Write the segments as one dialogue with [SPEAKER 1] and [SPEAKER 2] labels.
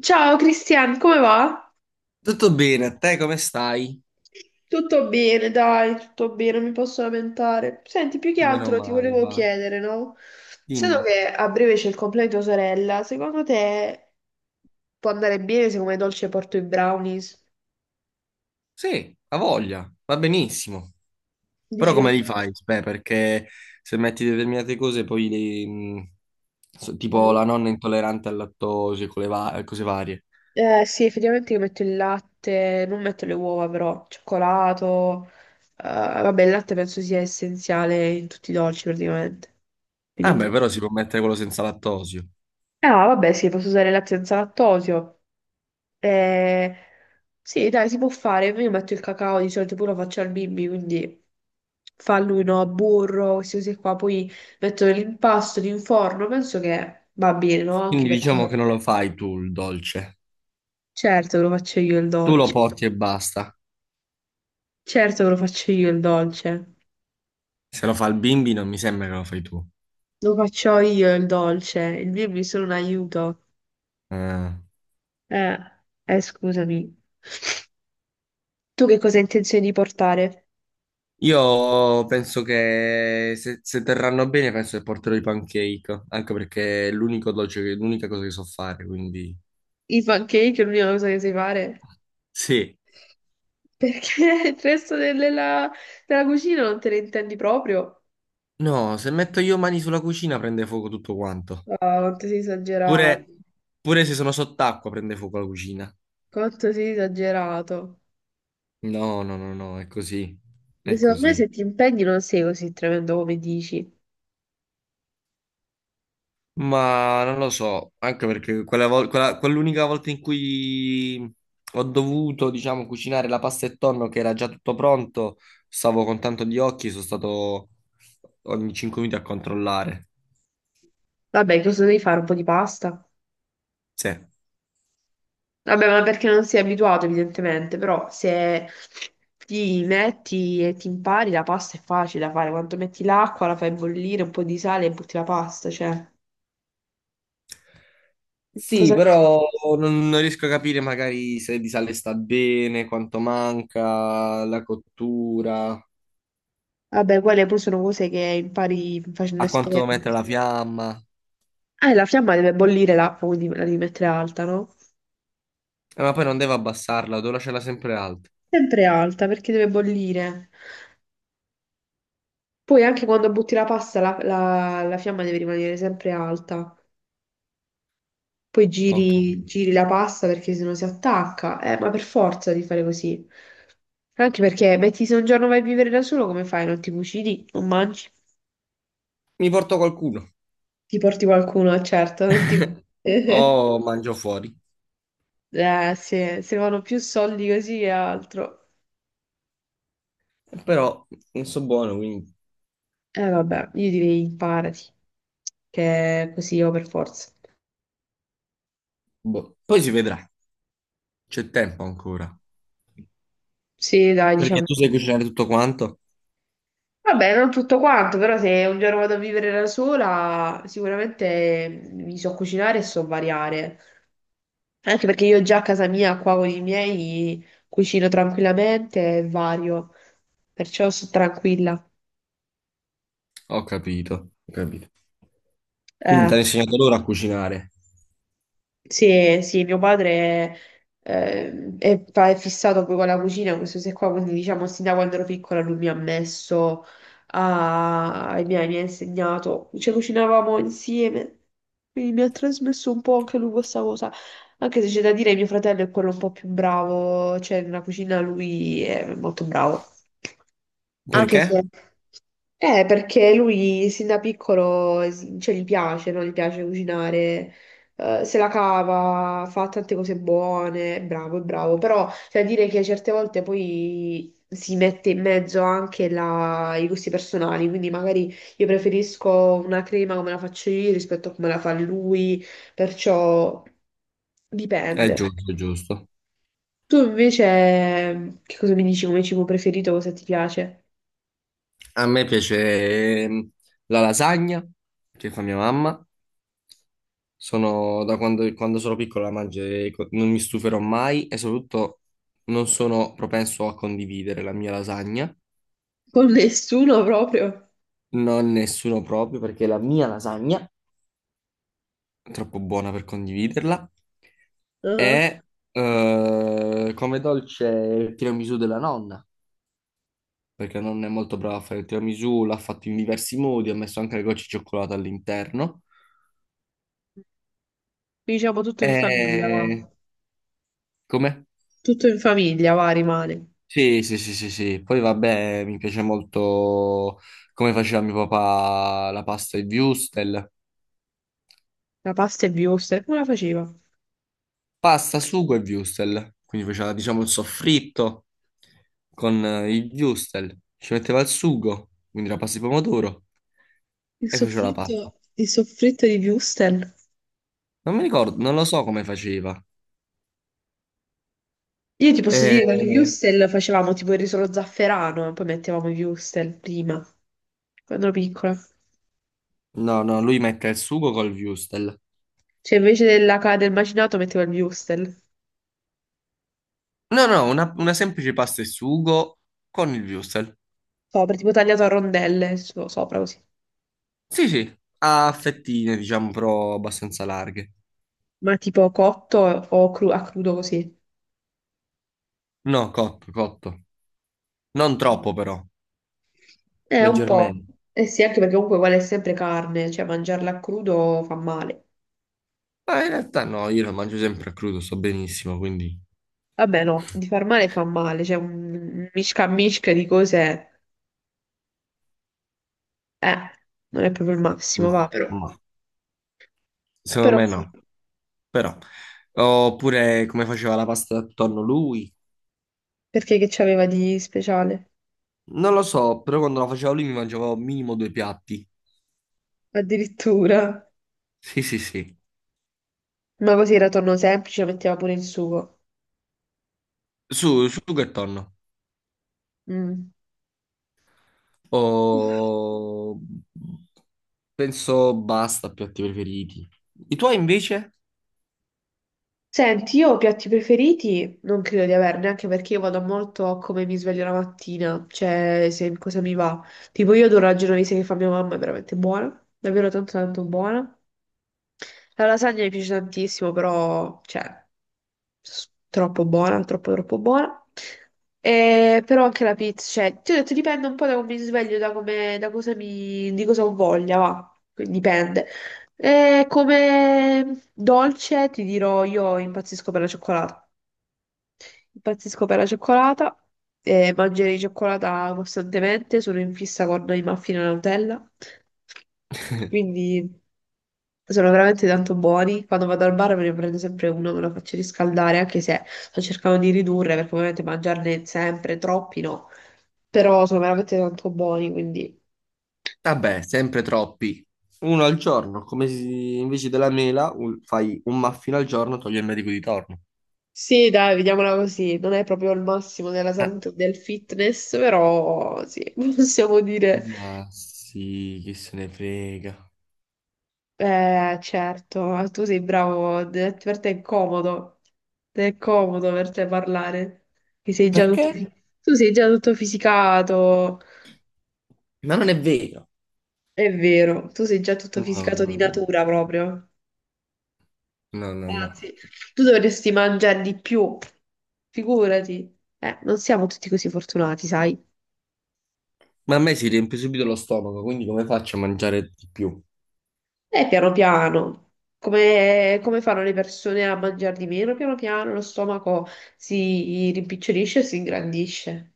[SPEAKER 1] Ciao Cristian, come va?
[SPEAKER 2] Tutto bene, a te come stai?
[SPEAKER 1] Tutto bene, dai, tutto bene, non mi posso lamentare. Senti, più che
[SPEAKER 2] Meno
[SPEAKER 1] altro ti
[SPEAKER 2] male,
[SPEAKER 1] volevo
[SPEAKER 2] va.
[SPEAKER 1] chiedere, no? Sendo
[SPEAKER 2] Dimmi.
[SPEAKER 1] che a breve c'è il compleanno di tua sorella, secondo te può andare bene se come dolce porto i brownies?
[SPEAKER 2] Sì, ha voglia, va benissimo. Però
[SPEAKER 1] Dici che le
[SPEAKER 2] come li fai?
[SPEAKER 1] piace?
[SPEAKER 2] Beh, perché se metti determinate cose poi tipo
[SPEAKER 1] Mm.
[SPEAKER 2] la nonna intollerante al lattosio, con cose varie.
[SPEAKER 1] Eh sì, effettivamente io metto il latte, non metto le uova però, cioccolato, vabbè il latte penso sia essenziale in tutti i dolci praticamente, quindi
[SPEAKER 2] Ah,
[SPEAKER 1] un
[SPEAKER 2] beh,
[SPEAKER 1] po'.
[SPEAKER 2] però si può mettere quello senza lattosio.
[SPEAKER 1] Ah, vabbè, sì, posso usare il latte senza lattosio. Eh, sì, dai, si può fare. Io metto il cacao, di solito pure lo faccio al bimbi, quindi fa lui, no, burro, queste cose qua. Poi metto nell'impasto di un forno, penso che va bene, no? Anche
[SPEAKER 2] Quindi
[SPEAKER 1] perché
[SPEAKER 2] diciamo che non lo fai tu il dolce.
[SPEAKER 1] certo che lo faccio io il
[SPEAKER 2] Tu lo
[SPEAKER 1] dolce.
[SPEAKER 2] porti e basta.
[SPEAKER 1] Certo che lo faccio io il dolce.
[SPEAKER 2] Se lo fa il bimbi non mi sembra che lo fai tu.
[SPEAKER 1] Lo faccio io il dolce. Il bimbi è solo un aiuto.
[SPEAKER 2] Ah.
[SPEAKER 1] Eh, Scusami. Tu che cosa hai intenzione di portare?
[SPEAKER 2] Io penso che se terranno bene, penso che porterò i pancake, anche perché è l'unica cosa che so fare, quindi
[SPEAKER 1] I pancake è l'unica cosa che sai fare?
[SPEAKER 2] sì.
[SPEAKER 1] Perché il resto della cucina non te ne intendi proprio?
[SPEAKER 2] No, se metto io mani sulla cucina prende fuoco tutto quanto.
[SPEAKER 1] Ah, quanto sei esagerato.
[SPEAKER 2] Pure, pure se sono sott'acqua prende fuoco la cucina.
[SPEAKER 1] Quanto sei esagerato.
[SPEAKER 2] No, no, no, no, è così.
[SPEAKER 1] Ma
[SPEAKER 2] È
[SPEAKER 1] secondo me
[SPEAKER 2] così.
[SPEAKER 1] se ti impegni non sei così tremendo come dici.
[SPEAKER 2] Ma non lo so, anche perché quell'unica volta in cui ho dovuto, diciamo, cucinare la pasta e tonno che era già tutto pronto, stavo con tanto di occhi, sono stato ogni 5 minuti a controllare.
[SPEAKER 1] Vabbè, cosa devi fare? Un po' di pasta?
[SPEAKER 2] Sì.
[SPEAKER 1] Vabbè, ma perché non sei abituato evidentemente, però se ti metti e ti impari la pasta è facile da fare. Quando metti l'acqua, la fai bollire, un po' di sale e butti la pasta, cioè...
[SPEAKER 2] Sì,
[SPEAKER 1] Cosa...
[SPEAKER 2] però non riesco a capire magari se di sale sta bene, quanto manca, la cottura,
[SPEAKER 1] Vabbè, quelle poi sono cose che impari facendo
[SPEAKER 2] a quanto devo
[SPEAKER 1] esperienza.
[SPEAKER 2] mettere la fiamma.
[SPEAKER 1] La fiamma deve bollire l'acqua, quindi la devi mettere alta, no?
[SPEAKER 2] Ma poi non devo abbassarla, devo lasciarla sempre alta.
[SPEAKER 1] Sempre alta perché deve bollire. Poi anche quando butti la pasta, la fiamma deve rimanere sempre alta. Poi
[SPEAKER 2] Ok.
[SPEAKER 1] giri la pasta perché sennò si attacca. Ma per forza di fare così. Anche perché, metti, se un giorno vai a vivere da solo, come fai? Non ti cucini, non mangi,
[SPEAKER 2] Mi porto qualcuno.
[SPEAKER 1] ti porti qualcuno, certo, non ti...
[SPEAKER 2] O mangio fuori.
[SPEAKER 1] Sì, se vanno più soldi così che altro.
[SPEAKER 2] Però non so buono, quindi
[SPEAKER 1] Eh vabbè, io direi imparati, che è così o per forza.
[SPEAKER 2] boh. Poi si vedrà, c'è tempo ancora.
[SPEAKER 1] Sì, dai,
[SPEAKER 2] Perché
[SPEAKER 1] diciamo.
[SPEAKER 2] tu sai cucinare tutto quanto?
[SPEAKER 1] Vabbè, non tutto quanto, però se un giorno vado a vivere da sola, sicuramente mi so cucinare e so variare. Anche perché io già a casa mia, qua con i miei, cucino tranquillamente e vario, perciò sto tranquilla.
[SPEAKER 2] Ho capito, ho capito. Quindi ti
[SPEAKER 1] Eh.
[SPEAKER 2] hanno insegnato loro a cucinare.
[SPEAKER 1] Sì, sì, mio padre è fissato poi con la cucina, e queste cose qua, quindi diciamo sin da quando ero piccola lui mi ha messo, a, mi ha insegnato, ci cucinavamo insieme, quindi mi ha trasmesso un po' anche lui questa cosa, anche se c'è da dire mio fratello è quello un po' più bravo, cioè nella cucina lui è molto bravo, anche
[SPEAKER 2] Perché?
[SPEAKER 1] se... perché lui sin da piccolo cioè, gli piace, no? Gli piace cucinare, se la cava, fa tante cose buone, è bravo, però cioè, dire che certe volte poi si mette in mezzo anche i gusti personali, quindi magari io preferisco una crema come la faccio io rispetto a come la fa lui, perciò
[SPEAKER 2] È
[SPEAKER 1] dipende.
[SPEAKER 2] giusto, è giusto.
[SPEAKER 1] Tu invece che cosa mi dici come cibo preferito, cosa ti piace?
[SPEAKER 2] A me piace la lasagna che fa mia mamma. Sono da quando sono piccolo la mangio e non mi stuferò mai e soprattutto non sono propenso a condividere la mia lasagna.
[SPEAKER 1] Con nessuno proprio.
[SPEAKER 2] Non nessuno proprio perché la mia lasagna troppo buona per condividerla.
[SPEAKER 1] Mhm.
[SPEAKER 2] E Come dolce il tiramisù della nonna, perché la nonna è molto brava a fare il tiramisù, l'ha fatto in diversi modi, ha messo anche le gocce di cioccolato all'interno.
[SPEAKER 1] Diciamo tutto in famiglia,
[SPEAKER 2] E
[SPEAKER 1] va.
[SPEAKER 2] come?
[SPEAKER 1] Tutto in famiglia, va, rimane.
[SPEAKER 2] Sì, sì, sì, sì, sì. Poi vabbè, mi piace molto come faceva mio papà la pasta e il würstel.
[SPEAKER 1] La pasta e Wurstel, come la faceva?
[SPEAKER 2] Pasta, sugo e würstel. Quindi faceva, diciamo, il soffritto con il würstel. Ci metteva il sugo, quindi la pasta di pomodoro, e faceva la pasta.
[SPEAKER 1] Il soffritto di Wurstel.
[SPEAKER 2] Non mi ricordo, non lo so come faceva.
[SPEAKER 1] Io ti posso
[SPEAKER 2] Eh,
[SPEAKER 1] dire che con i Wurstel facevamo tipo il riso allo zafferano, e poi mettevamo i Wurstel prima, quando ero piccola.
[SPEAKER 2] No, no, lui mette il sugo col würstel.
[SPEAKER 1] Cioè invece della del macinato mettevo il Wurstel.
[SPEAKER 2] No, no, una semplice pasta e sugo con il würstel.
[SPEAKER 1] Sopra, tipo tagliato a rondelle, sopra così.
[SPEAKER 2] Sì, sì, a fettine, diciamo, però abbastanza larghe.
[SPEAKER 1] Ma tipo cotto o a crudo così.
[SPEAKER 2] No, cotto, cotto. Non troppo, però,
[SPEAKER 1] Un po'.
[SPEAKER 2] leggermente.
[SPEAKER 1] Eh sì, anche perché comunque quella è sempre carne, cioè mangiarla a crudo fa male.
[SPEAKER 2] Ma in realtà no, io lo mangio sempre a crudo, sto benissimo, quindi...
[SPEAKER 1] Vabbè, no, di far male fa male, c'è un misca di cose, eh, non è proprio il
[SPEAKER 2] Mm,
[SPEAKER 1] massimo, va però.
[SPEAKER 2] no. Secondo
[SPEAKER 1] Però
[SPEAKER 2] me
[SPEAKER 1] sì,
[SPEAKER 2] no, però. Oppure come faceva la pasta attorno lui.
[SPEAKER 1] perché che c'aveva di speciale?
[SPEAKER 2] Non lo so, però quando la faceva lui mi mangiavo minimo 2 piatti.
[SPEAKER 1] Addirittura.
[SPEAKER 2] Sì, sì, sì.
[SPEAKER 1] Ma così era tonno semplice, metteva pure il sugo.
[SPEAKER 2] Su, sugo e tonno.
[SPEAKER 1] Mm.
[SPEAKER 2] O... Penso basta, piatti preferiti. I tuoi invece?
[SPEAKER 1] Senti, io ho piatti preferiti non credo di averne, anche perché io vado molto a come mi sveglio la mattina, cioè se cosa mi va. Tipo io adoro la genovese che fa mia mamma, è veramente buona, davvero tanto tanto buona. La lasagna mi piace tantissimo, però, cioè, troppo buona, troppo troppo buona. Però anche la pizza, cioè, ti ho detto dipende un po' da come mi sveglio, da cosa mi, di cosa ho voglia, va, quindi dipende. Come dolce ti dirò, io impazzisco per la cioccolata. Impazzisco per la cioccolata e mangerei cioccolata costantemente. Sono in fissa con i muffin alla Nutella. Quindi sono veramente tanto buoni. Quando vado al bar me ne prendo sempre uno, me lo faccio riscaldare, anche se sto cercando di ridurre perché ovviamente mangiarne sempre troppi no. Però sono veramente tanto buoni, quindi
[SPEAKER 2] Vabbè, sempre troppi. Uno al giorno, come se invece della mela fai un muffin al giorno, togli il medico di torno.
[SPEAKER 1] sì, dai, vediamola così. Non è proprio il massimo della
[SPEAKER 2] Eh,
[SPEAKER 1] salute e del fitness, però sì, possiamo dire.
[SPEAKER 2] ma sì, chi se ne frega.
[SPEAKER 1] Certo, ma tu sei bravo, per te è comodo per te parlare, che sei già tutto,
[SPEAKER 2] Perché?
[SPEAKER 1] tu sei già tutto fisicato,
[SPEAKER 2] Ma non è vero.
[SPEAKER 1] è vero, tu sei già tutto
[SPEAKER 2] No,
[SPEAKER 1] fisicato di
[SPEAKER 2] no, no,
[SPEAKER 1] natura proprio,
[SPEAKER 2] no, no, no.
[SPEAKER 1] anzi, tu dovresti mangiare di più, figurati, non siamo tutti così fortunati, sai?
[SPEAKER 2] Ma a me si riempie subito lo stomaco, quindi come faccio a mangiare di più?
[SPEAKER 1] E piano piano, come fanno le persone a mangiare di meno, piano piano lo stomaco si rimpicciolisce e si ingrandisce.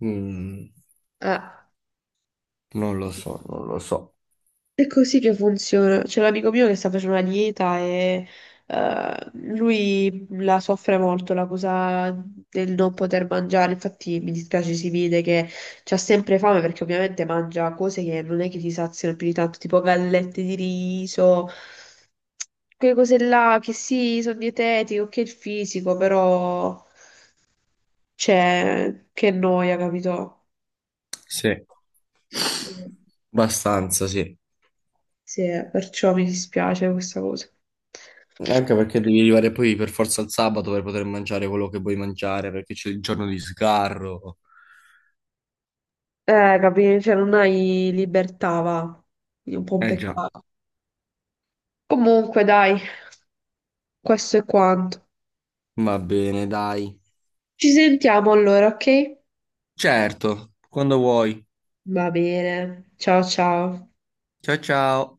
[SPEAKER 2] Mm,
[SPEAKER 1] Ah.
[SPEAKER 2] non lo so, non lo so.
[SPEAKER 1] È così che funziona. C'è l'amico mio che sta facendo una dieta e lui la soffre molto, la cosa del non poter mangiare. Infatti mi dispiace, si vede che c'ha sempre fame perché ovviamente mangia cose che non è che ti saziano più di tanto, tipo gallette di riso, quelle cose là che sì, sono dietetiche, ok il fisico, però c'è che noia, capito?
[SPEAKER 2] Sì, abbastanza, sì.
[SPEAKER 1] Sì, perciò mi dispiace questa cosa.
[SPEAKER 2] Anche perché devi arrivare poi per forza al sabato per poter mangiare quello che vuoi mangiare, perché c'è il giorno di sgarro.
[SPEAKER 1] Capì? Cioè, non hai libertà, va. Quindi è un po' un
[SPEAKER 2] Eh già,
[SPEAKER 1] peccato. Comunque, dai, questo è quanto.
[SPEAKER 2] va bene, dai.
[SPEAKER 1] Ci sentiamo allora, ok?
[SPEAKER 2] Certo, quando vuoi.
[SPEAKER 1] Va bene. Ciao ciao.
[SPEAKER 2] Ciao ciao.